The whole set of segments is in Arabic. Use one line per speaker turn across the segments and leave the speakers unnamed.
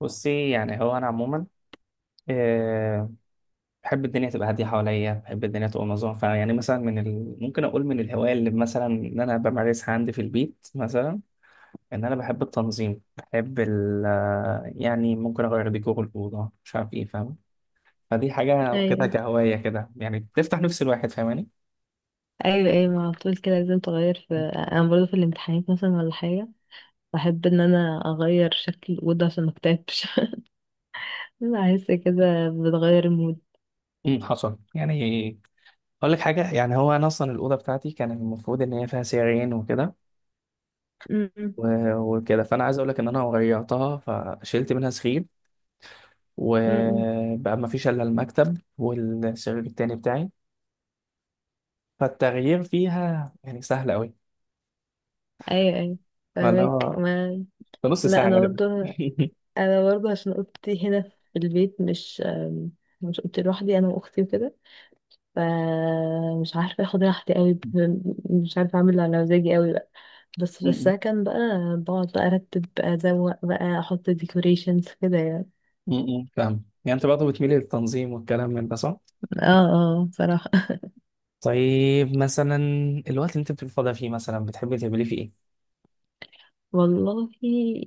بصي، يعني هو انا عموما آه، بحب الدنيا تبقى هاديه حواليا. بحب الدنيا تبقى منظمه. فيعني مثلا ممكن اقول من الهوايه اللي مثلا ان انا بمارسها عندي في البيت مثلا. ان انا بحب التنظيم، بحب ال... آه، يعني ممكن اغير ديكور الاوضه، مش عارف ايه، فاهم؟ فدي حاجه واخدها
ايوه
كهوايه كده، يعني بتفتح نفس الواحد، فاهماني؟
ايوه ايوه ما على طول كده لازم تغير، في انا برضه في الامتحانات مثلا ولا حاجه. بحب ان انا اغير شكل الاوضه عشان ما اكتئبش. بحس كده بتغير المود.
حصل يعني. اقول لك حاجه، يعني هو انا اصلا الاوضه بتاعتي كان المفروض ان هي فيها سريرين وكده
م- م-
وكده، فانا عايز اقول لك ان انا غيرتها، فشلت منها سرير،
م- م.
وبقى ما فيش الا المكتب والسرير التاني بتاعي. فالتغيير فيها يعني سهل قوي.
ايوه، ايوه،
فاللي
فاهمك
هو
ما.
في نص
لا،
ساعة
انا
غالبا.
برضه
م-
عشان اوضتي هنا في البيت، مش اوضتي لوحدي، انا واختي وكده. فمش عارفه اخد راحتي قوي، مش عارفه اعمل اللي على مزاجي قوي، بس في
م-
السكن بقى بقعد بقى ارتب بقى ازوق بقى احط ديكوريشنز كده يعني.
م. فاهم؟ يعني انت برضه بتميل للتنظيم والكلام من ده، صح؟
اه، اه، بصراحة.
طيب مثلا، الوقت اللي انت بتبقى فاضي فيه مثلا، بتحبي تعملي فيه ايه؟
والله،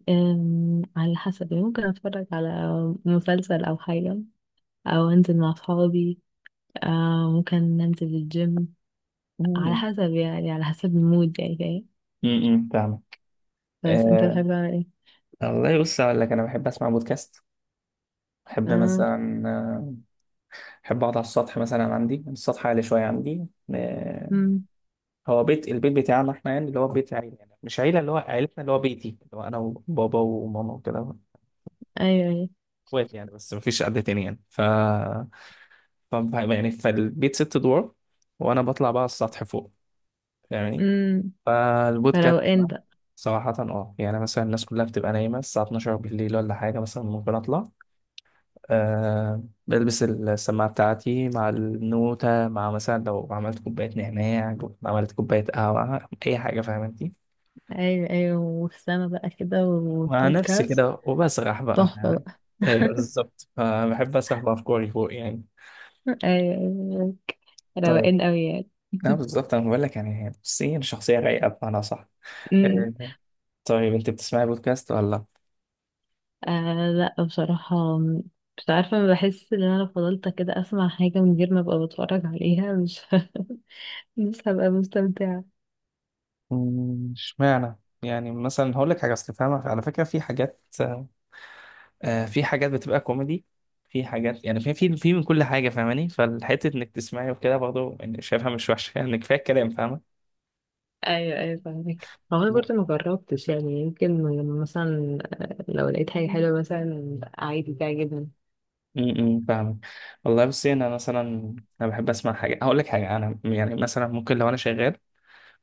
على حسب يعني، ممكن اتفرج على مسلسل او حاجة، او انزل مع اصحابي، ممكن ننزل الجيم، على
م-
حسب يعني، على حسب المود يعني فاهم.
فاهمك.
بس انت
آه،
بتحب تعمل ايه؟
والله بص أقول لك، أنا بحب أسمع بودكاست. بحب
اه.
مثلا، بحب أقعد على السطح مثلا، عندي السطح عالي شوية عندي. آه،
امم.
هو بيت، البيت بتاعنا احنا يعني، اللي هو بيت عيلة، يعني مش عيلة، اللي هو عيلتنا، اللي هو بيتي، اللي هو انا وبابا وماما وكده.
ايوه، ايوه.
اخوات يعني، بس مفيش حد تاني يعني. ف... ف يعني فالبيت ست ادوار، وانا بطلع بقى السطح فوق يعني.
امم.
فالبودكاست
فروقان
بقى،
بقى.
صراحة اه، يعني مثلا الناس كلها بتبقى نايمة الساعة 12 بالليل ولا حاجة مثلا، ممكن اطلع، أه بلبس السماعة بتاعتي، مع النوتة، مع مثلا لو عملت كوباية نعناع، عملت كوباية قهوة، أي حاجة، فاهم انت؟
ايوه، ايوه، والسما بقى كده
مع نفسي
والبودكاست.
كده، وبسرح بقى
تحفة
يعني.
بقى.
ايه بالظبط، فبحب اسرح بافكاري فوق يعني.
ايوه، أيوة.
طيب
روقان قوي يعني.
لا بالظبط، انا بقول لك يعني، بصي انا شخصيه رايقه بمعنى، صح؟
أمم.
إيه. طيب انت بتسمعي بودكاست ولا؟
آه، لا بصراحة، مش عارفة. بحس ان انا لو فضلت كده اسمع حاجة من غير ما ابقى بتفرج عليها، مش مش هبقى مستمتعة.
اشمعنى؟ يعني مثلا هقول لك حاجه، اصل فاهمه على فكره، في حاجات، في حاجات بتبقى كوميدي، في حاجات يعني، في من كل حاجه فاهماني. فالحته انك تسمعي وكده برضه، يعني شايفها مش وحشه يعني، كفايه الكلام، فاهمه؟
ايوه، ايوه، فاهمك. هو انا برضه ما جربتش يعني، يمكن لما مثلا، لو لقيت حاجه حلوه مثلا عادي تعجبني.
فاهم. والله بصي انا مثلا، انا بحب اسمع حاجه، هقول لك حاجه، انا يعني مثلا ممكن لو انا شغال،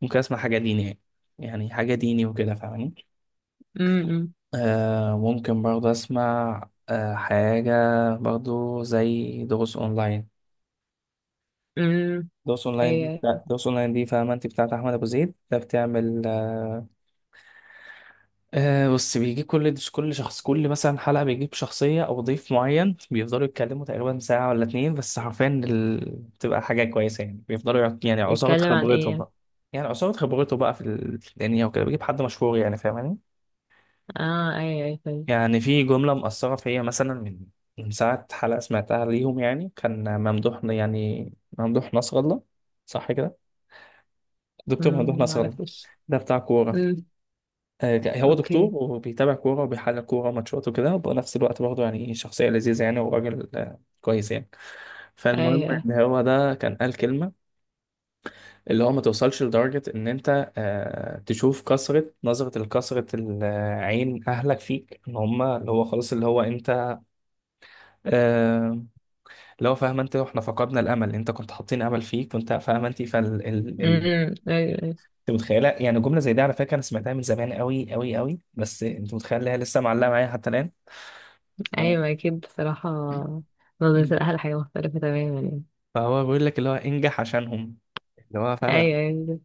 ممكن اسمع حاجه دينيه، يعني حاجه ديني وكده فاهماني.
امم.
آه ممكن برضه اسمع آه حاجه برضه، زي دروس اونلاين.
امم.
دروس اونلاين دي
ايوه.
دروس اونلاين دي فاهمه انت، بتاعت احمد ابو زيد ده، بتعمل آه. بص بيجي كل شخص، كل مثلا حلقة بيجيب شخصية أو ضيف معين، بيفضلوا يتكلموا تقريبا ساعة ولا اتنين، بس حرفيا بتبقى حاجة كويسة يعني. بيفضلوا يعني عصارة
يتكلم عن ايه
خبرته
يعني؟
بقى، يعني عصارة خبرته بقى في الدنيا وكده، بيجيب حد مشهور يعني فاهماني.
اه، ايوه، ايوه، فاهم.
يعني في جملة مأثرة فيا، مثلا من من ساعة حلقة سمعتها ليهم، يعني كان ممدوح يعني، ممدوح نصر الله، صح كده، دكتور ممدوح
امم،
نصر الله.
معرفش.
ده بتاع كورة،
امم.
هو دكتور
اوكي.
وبيتابع كورة وبيحلل كورة ماتشات وكده، وبنفس الوقت برضه يعني شخصية لذيذة يعني، وراجل كويس يعني. فالمهم
ايوه، ايوه.
ان هو ده كان قال كلمة، اللي هو ما توصلش لدرجة ان انت تشوف كثرة نظرة الكثرة العين اهلك فيك، ان هم اللي هو خلاص، اللي هو انت، آه، اللي هو فاهم انت، احنا فقدنا الامل، انت كنت حاطين امل فيك وانت فاهم انت،
امم. ايوه، أيوة.
انت متخيله يعني جمله زي دي؟ على فكره انا سمعتها من زمان قوي قوي قوي، بس انت متخيل إن هي لسه معلقه معايا حتى الان.
ايوه اكيد، بصراحه
مم.
نظره الاهل حاجه مختلفه تماما يعني.
فهو بيقول لك اللي هو انجح عشانهم، اللي هو فاهم.
ايوه، ايوه، بجد.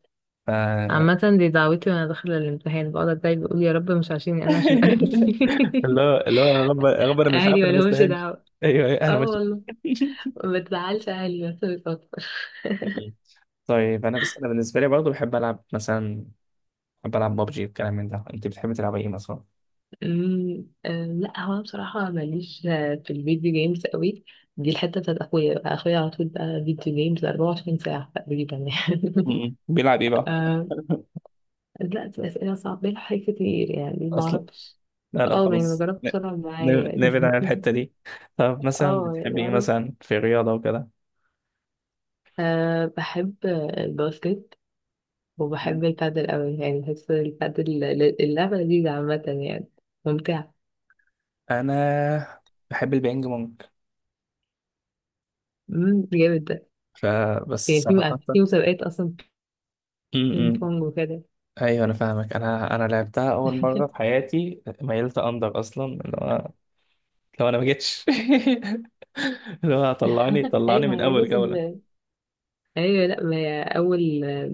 ف...
عامه دي دعوتي وانا داخله الامتحان، بقعد اتضايق بقول يا رب مش عشاني انا، عشان
اللي
اهلي.
هو اللي هو يا رب يا رب، انا مش
اهلي
عارف، انا ما
مالهمش
استاهلش.
دعوه.
ايوه أيوة، انا
اه،
مش
والله ما تزعلش اهلي، بس بتوتر.
مم. طيب انا بس، انا بالنسبه لي برضه بحب العب مثلا، بحب العب ببجي والكلام من ده، انت بتحب تلعب ايه مثلا؟
أمم، آه، لا، هو انا بصراحه ماليش، في الفيديو جيمز قوي. دي الحته بتاعت اخويا بقى، اخويا على طول بقى فيديو جيمز 24 ساعه تقريبا يعني.
مم. بيلعب ايه بقى؟
دلوقتي أسئلة صعبة، الحاجات كتير يعني
اصلا،
معرفش.
لا لا
اه يعني
خلاص
مجربت طلع معايا
نبعد
يعني.
عن الحته دي. طب مثلا
اه يعني
بتحب ايه
بعرف.
مثلا في الرياضه وكده؟
أه، بحب الباسكت،
مم.
وبحب البادل أوي، يعني بحس البادل اللعبة لذيذة عامة يعني، ممتعة.
انا بحب البينج بونج،
مم، جامد ده.
فبس
يعني
صراحه.
في في مسابقات أصلا بينج
م-م.
بونج وكده.
ايوه انا فاهمك. انا انا لعبتها اول مره في حياتي، ميلت اندر اصلا، اللي هو لو انا ما جيتش اللي هو طلعني
أيوة،
طلعني
ما
من
هي
اول
لازم.
جوله.
أيوة، لأ ما هي أول،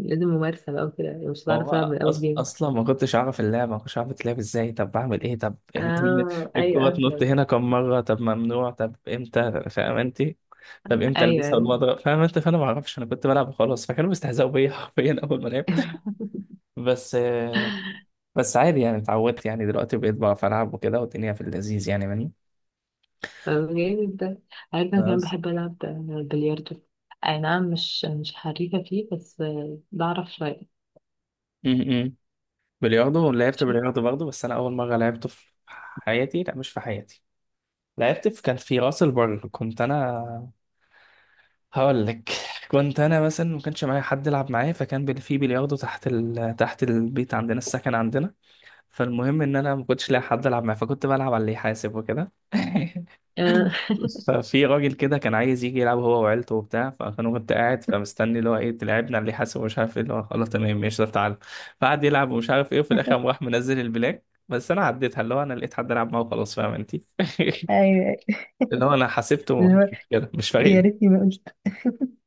لازم ممارسة بقى وكده، مش
ما
هتعرف تلعب
هو
من أول جيم.
اصلا ما كنتش اعرف اللعبه، ما كنتش اعرف تلعب ازاي، طب بعمل ايه، طب لازم
اه، أيوة،
الكره تنط
أفلم بقى.
هنا كم مره، طب ممنوع، طب امتى، فاهم انت؟ طب امتى
أيوة،
البسها
أيوة.
والمضرب، فاهم انت؟ فانا ما اعرفش، انا كنت بلعب وخلاص، فكانوا بيستهزئوا بيا حرفيا اول ما لعبت. بس بس عادي يعني، اتعودت يعني، دلوقتي بقيت بعرف العب وكده، والدنيا في اللذيذ يعني.
طب جامد ده. عارفة أنا كمان
مني.
بحب ألعب بلياردو، أي نعم مش حريفة فيه، بس بعرف شوية.
امم بلياردو لعبت
شو-
بلياردو برضه، بس انا اول مره لعبته في حياتي، لا مش في حياتي، لعبت في، كان في راس البر، كنت انا هقول لك. كنت انا مثلا ما كانش معايا حد يلعب معايا، في بلياردو تحت تحت البيت عندنا، السكن عندنا. فالمهم ان انا ما كنتش لاقي حد العب معاه، فكنت بلعب على اللي يحاسب وكده.
آه،
ففي راجل كده كان عايز يجي يلعب هو وعيلته وبتاع، فانا كنت قاعد فمستني، اللي هو ايه تلعبنا اللي حاسب ومش عارف ايه، اللي هو خلاص تمام ماشي، طب تعالى. فقعد يلعب ومش عارف ايه، وفي الاخر قام راح منزل البلاك، بس انا عديتها، اللي هو انا لقيت حد العب معاه وخلاص، فاهم انت؟
ايوه، أيوة.
اللي هو انا حسبته
اللي هو
مش كده، مش فارق
يا
لي.
ريتني ما قلت.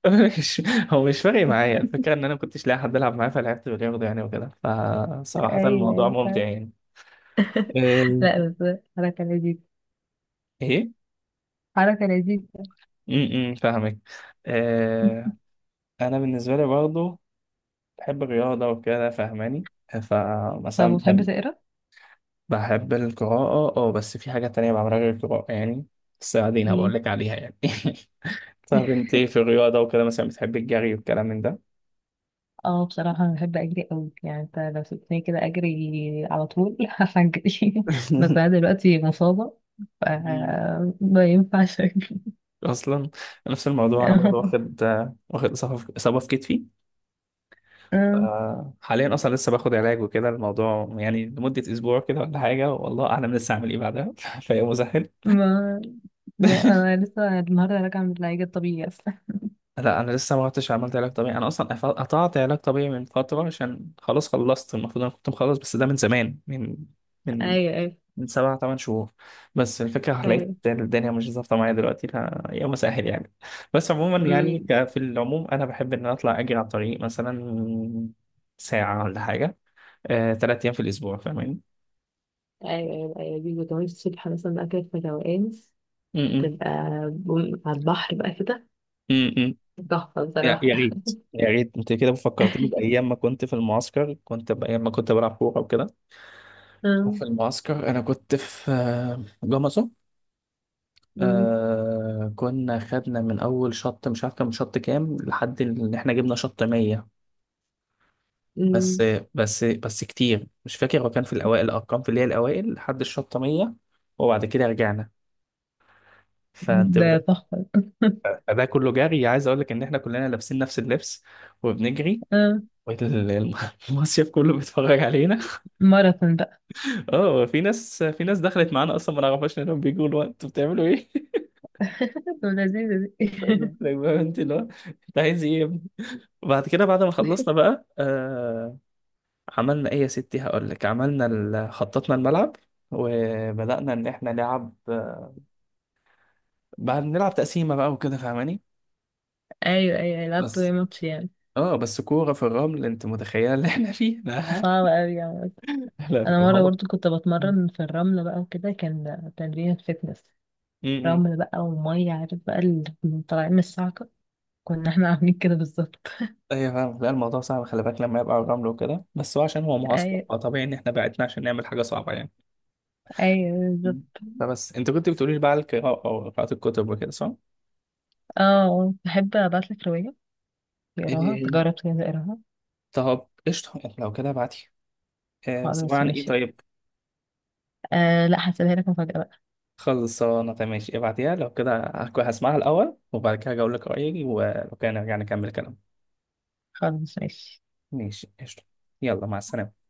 مش- هو مش فارق معايا الفكره، ان انا ما كنتش لاقي حد العب معاه، فلعبت بالياخده يعني وكده. فصراحه
ايوه،
الموضوع
ايوه،
ممتع
فعلا.
يعني. أه،
لا بس حركه لذيذه.
ايه.
حركه لذيذه.
إمم، فاهمك. أه، انا بالنسبه لي برضه بحب الرياضة وكده، فاهماني؟
طب
فمثلا
وبتحب
بحب،
تقرا؟
بحب القراءة اه، بس في حاجة تانية بعملها غير القراءة يعني، بس بعدين هبقول
مم.
لك عليها يعني. طب انت في الرياضة وكده مثلا، بتحب الجري والكلام من ده؟
اه بصراحة أنا بحب أجري أوي يعني، أنت لو سبتني كده أجري على طول هجري. بس أنا دلوقتي مصابة، ف
مم.
ما ينفعش أجري.
أصلا نفس الموضوع، أنا برضه واخد واخد إصابة، في إصابة في كتفي، حاليا أصلا لسه باخد علاج وكده، الموضوع يعني لمدة أسبوع كده ولا حاجة، والله أعلم لسه هعمل إيه بعدها. فهي مزهل.
ما، لا، انا لسه النهارده راجعه من العلاج الطبيعي اصلا.
لا انا لسه ما رحتش عملت علاج طبيعي، انا اصلا قطعت علاج طبيعي من فتره، عشان خلاص خلصت، المفروض انا كنت مخلص، بس ده من زمان، من من
ايوه، ايوه،
من سبع ثمان شهور. بس الفكره لقيت
فاهم.
الدنيا مش ظابطه معايا دلوقتي، لا يوم سهل يعني. بس عموما يعني
أمم،
في العموم انا بحب ان أنا اطلع اجري على الطريق مثلا، ساعه ولا حاجه، ثلاث ايام في الاسبوع، فاهمين؟
ايوه، ايوه، ايوه، دي وكمان الصبح مثلا بقى كده في روقان،
م- م-
تبقى على البحر بقى كده،
م- م.
تحفة
يا
بصراحة.
يا ريت، يا ريت، انت كده فكرتني بايام ما كنت في المعسكر، كنت بايام ما كنت بلعب كوره وكده.
آه،
في المعسكر انا كنت في جمصة.
أمم،
آه كنا خدنا من اول شط مش عارف كان شط كام، لحد ان احنا جبنا شط 100.
أمم.
بس بس كتير مش فاكر، هو كان في الاوائل الارقام، في اللي هي الاوائل لحد الشط 100، وبعد كده رجعنا. فانت
ده
بت-
تحفه.
فده كله جري، عايز اقول لك ان احنا كلنا لابسين نفس اللبس وبنجري،
آه.
والمصيف كله بيتفرج علينا.
ماراثون بقى.
اه في ناس، في ناس دخلت معانا اصلا ما نعرفهاش، انهم بيجوا الوقت انتوا بتعملوا ايه.
طب لذيذة دي.
أيوة، أيوة، انت لا انت عايز ايه يا ابني؟ وبعد كده بعد ما خلصنا بقى آه، عملنا ايه يا ستي هقول لك، عملنا خططنا الملعب، وبدأنا ان احنا نلعب بعد نلعب تقسيمة بقى وكده، فاهماني؟
ايوه، ايوه، لعبت ايه
بس
ماتش يعني.
اه بس كورة في الرمل، انت متخيلة اللي احنا فيه؟ لا
صعب اوي يعني.
لا
انا
ما
مره
هو،
برضو كنت
م-
بتمرن في الرمله بقى وكده، كان تمرين فتنس،
م.
رمل بقى وميه، عارف بقى اللي طالعين من الصعقه، كنا احنا عاملين كده بالظبط.
ايوه فاهم. لا الموضوع صعب، خلي بالك لما يبقى على الرمل وكده، بس هو عشان هو معسكر،
ايوه،
فطبيعي ان احنا بعتنا عشان نعمل حاجة صعبة يعني.
ايوه،
م.
بالظبط.
فبس انت كنت بتقولي لي بقى على القراءة، او قراءة الكتب وكده، صح؟
اه، تحب ابعتلك رواية تقراها،
إيه.
تجرب كده تقراها.
طب قشطة لو كده ابعتي، بس عبارة
خلاص
عن ايه
ماشي.
طيب؟
آه لا، هسيبها لك مفاجأة بقى.
خلصانة تمام ماشي، ابعتيها لو كده، هسمعها الأول، وبعد كده هقول لك رأيي، ولو كده نرجع نكمل كلام.
خلاص ماشي.
ماشي قشطة. يلا مع السلامة.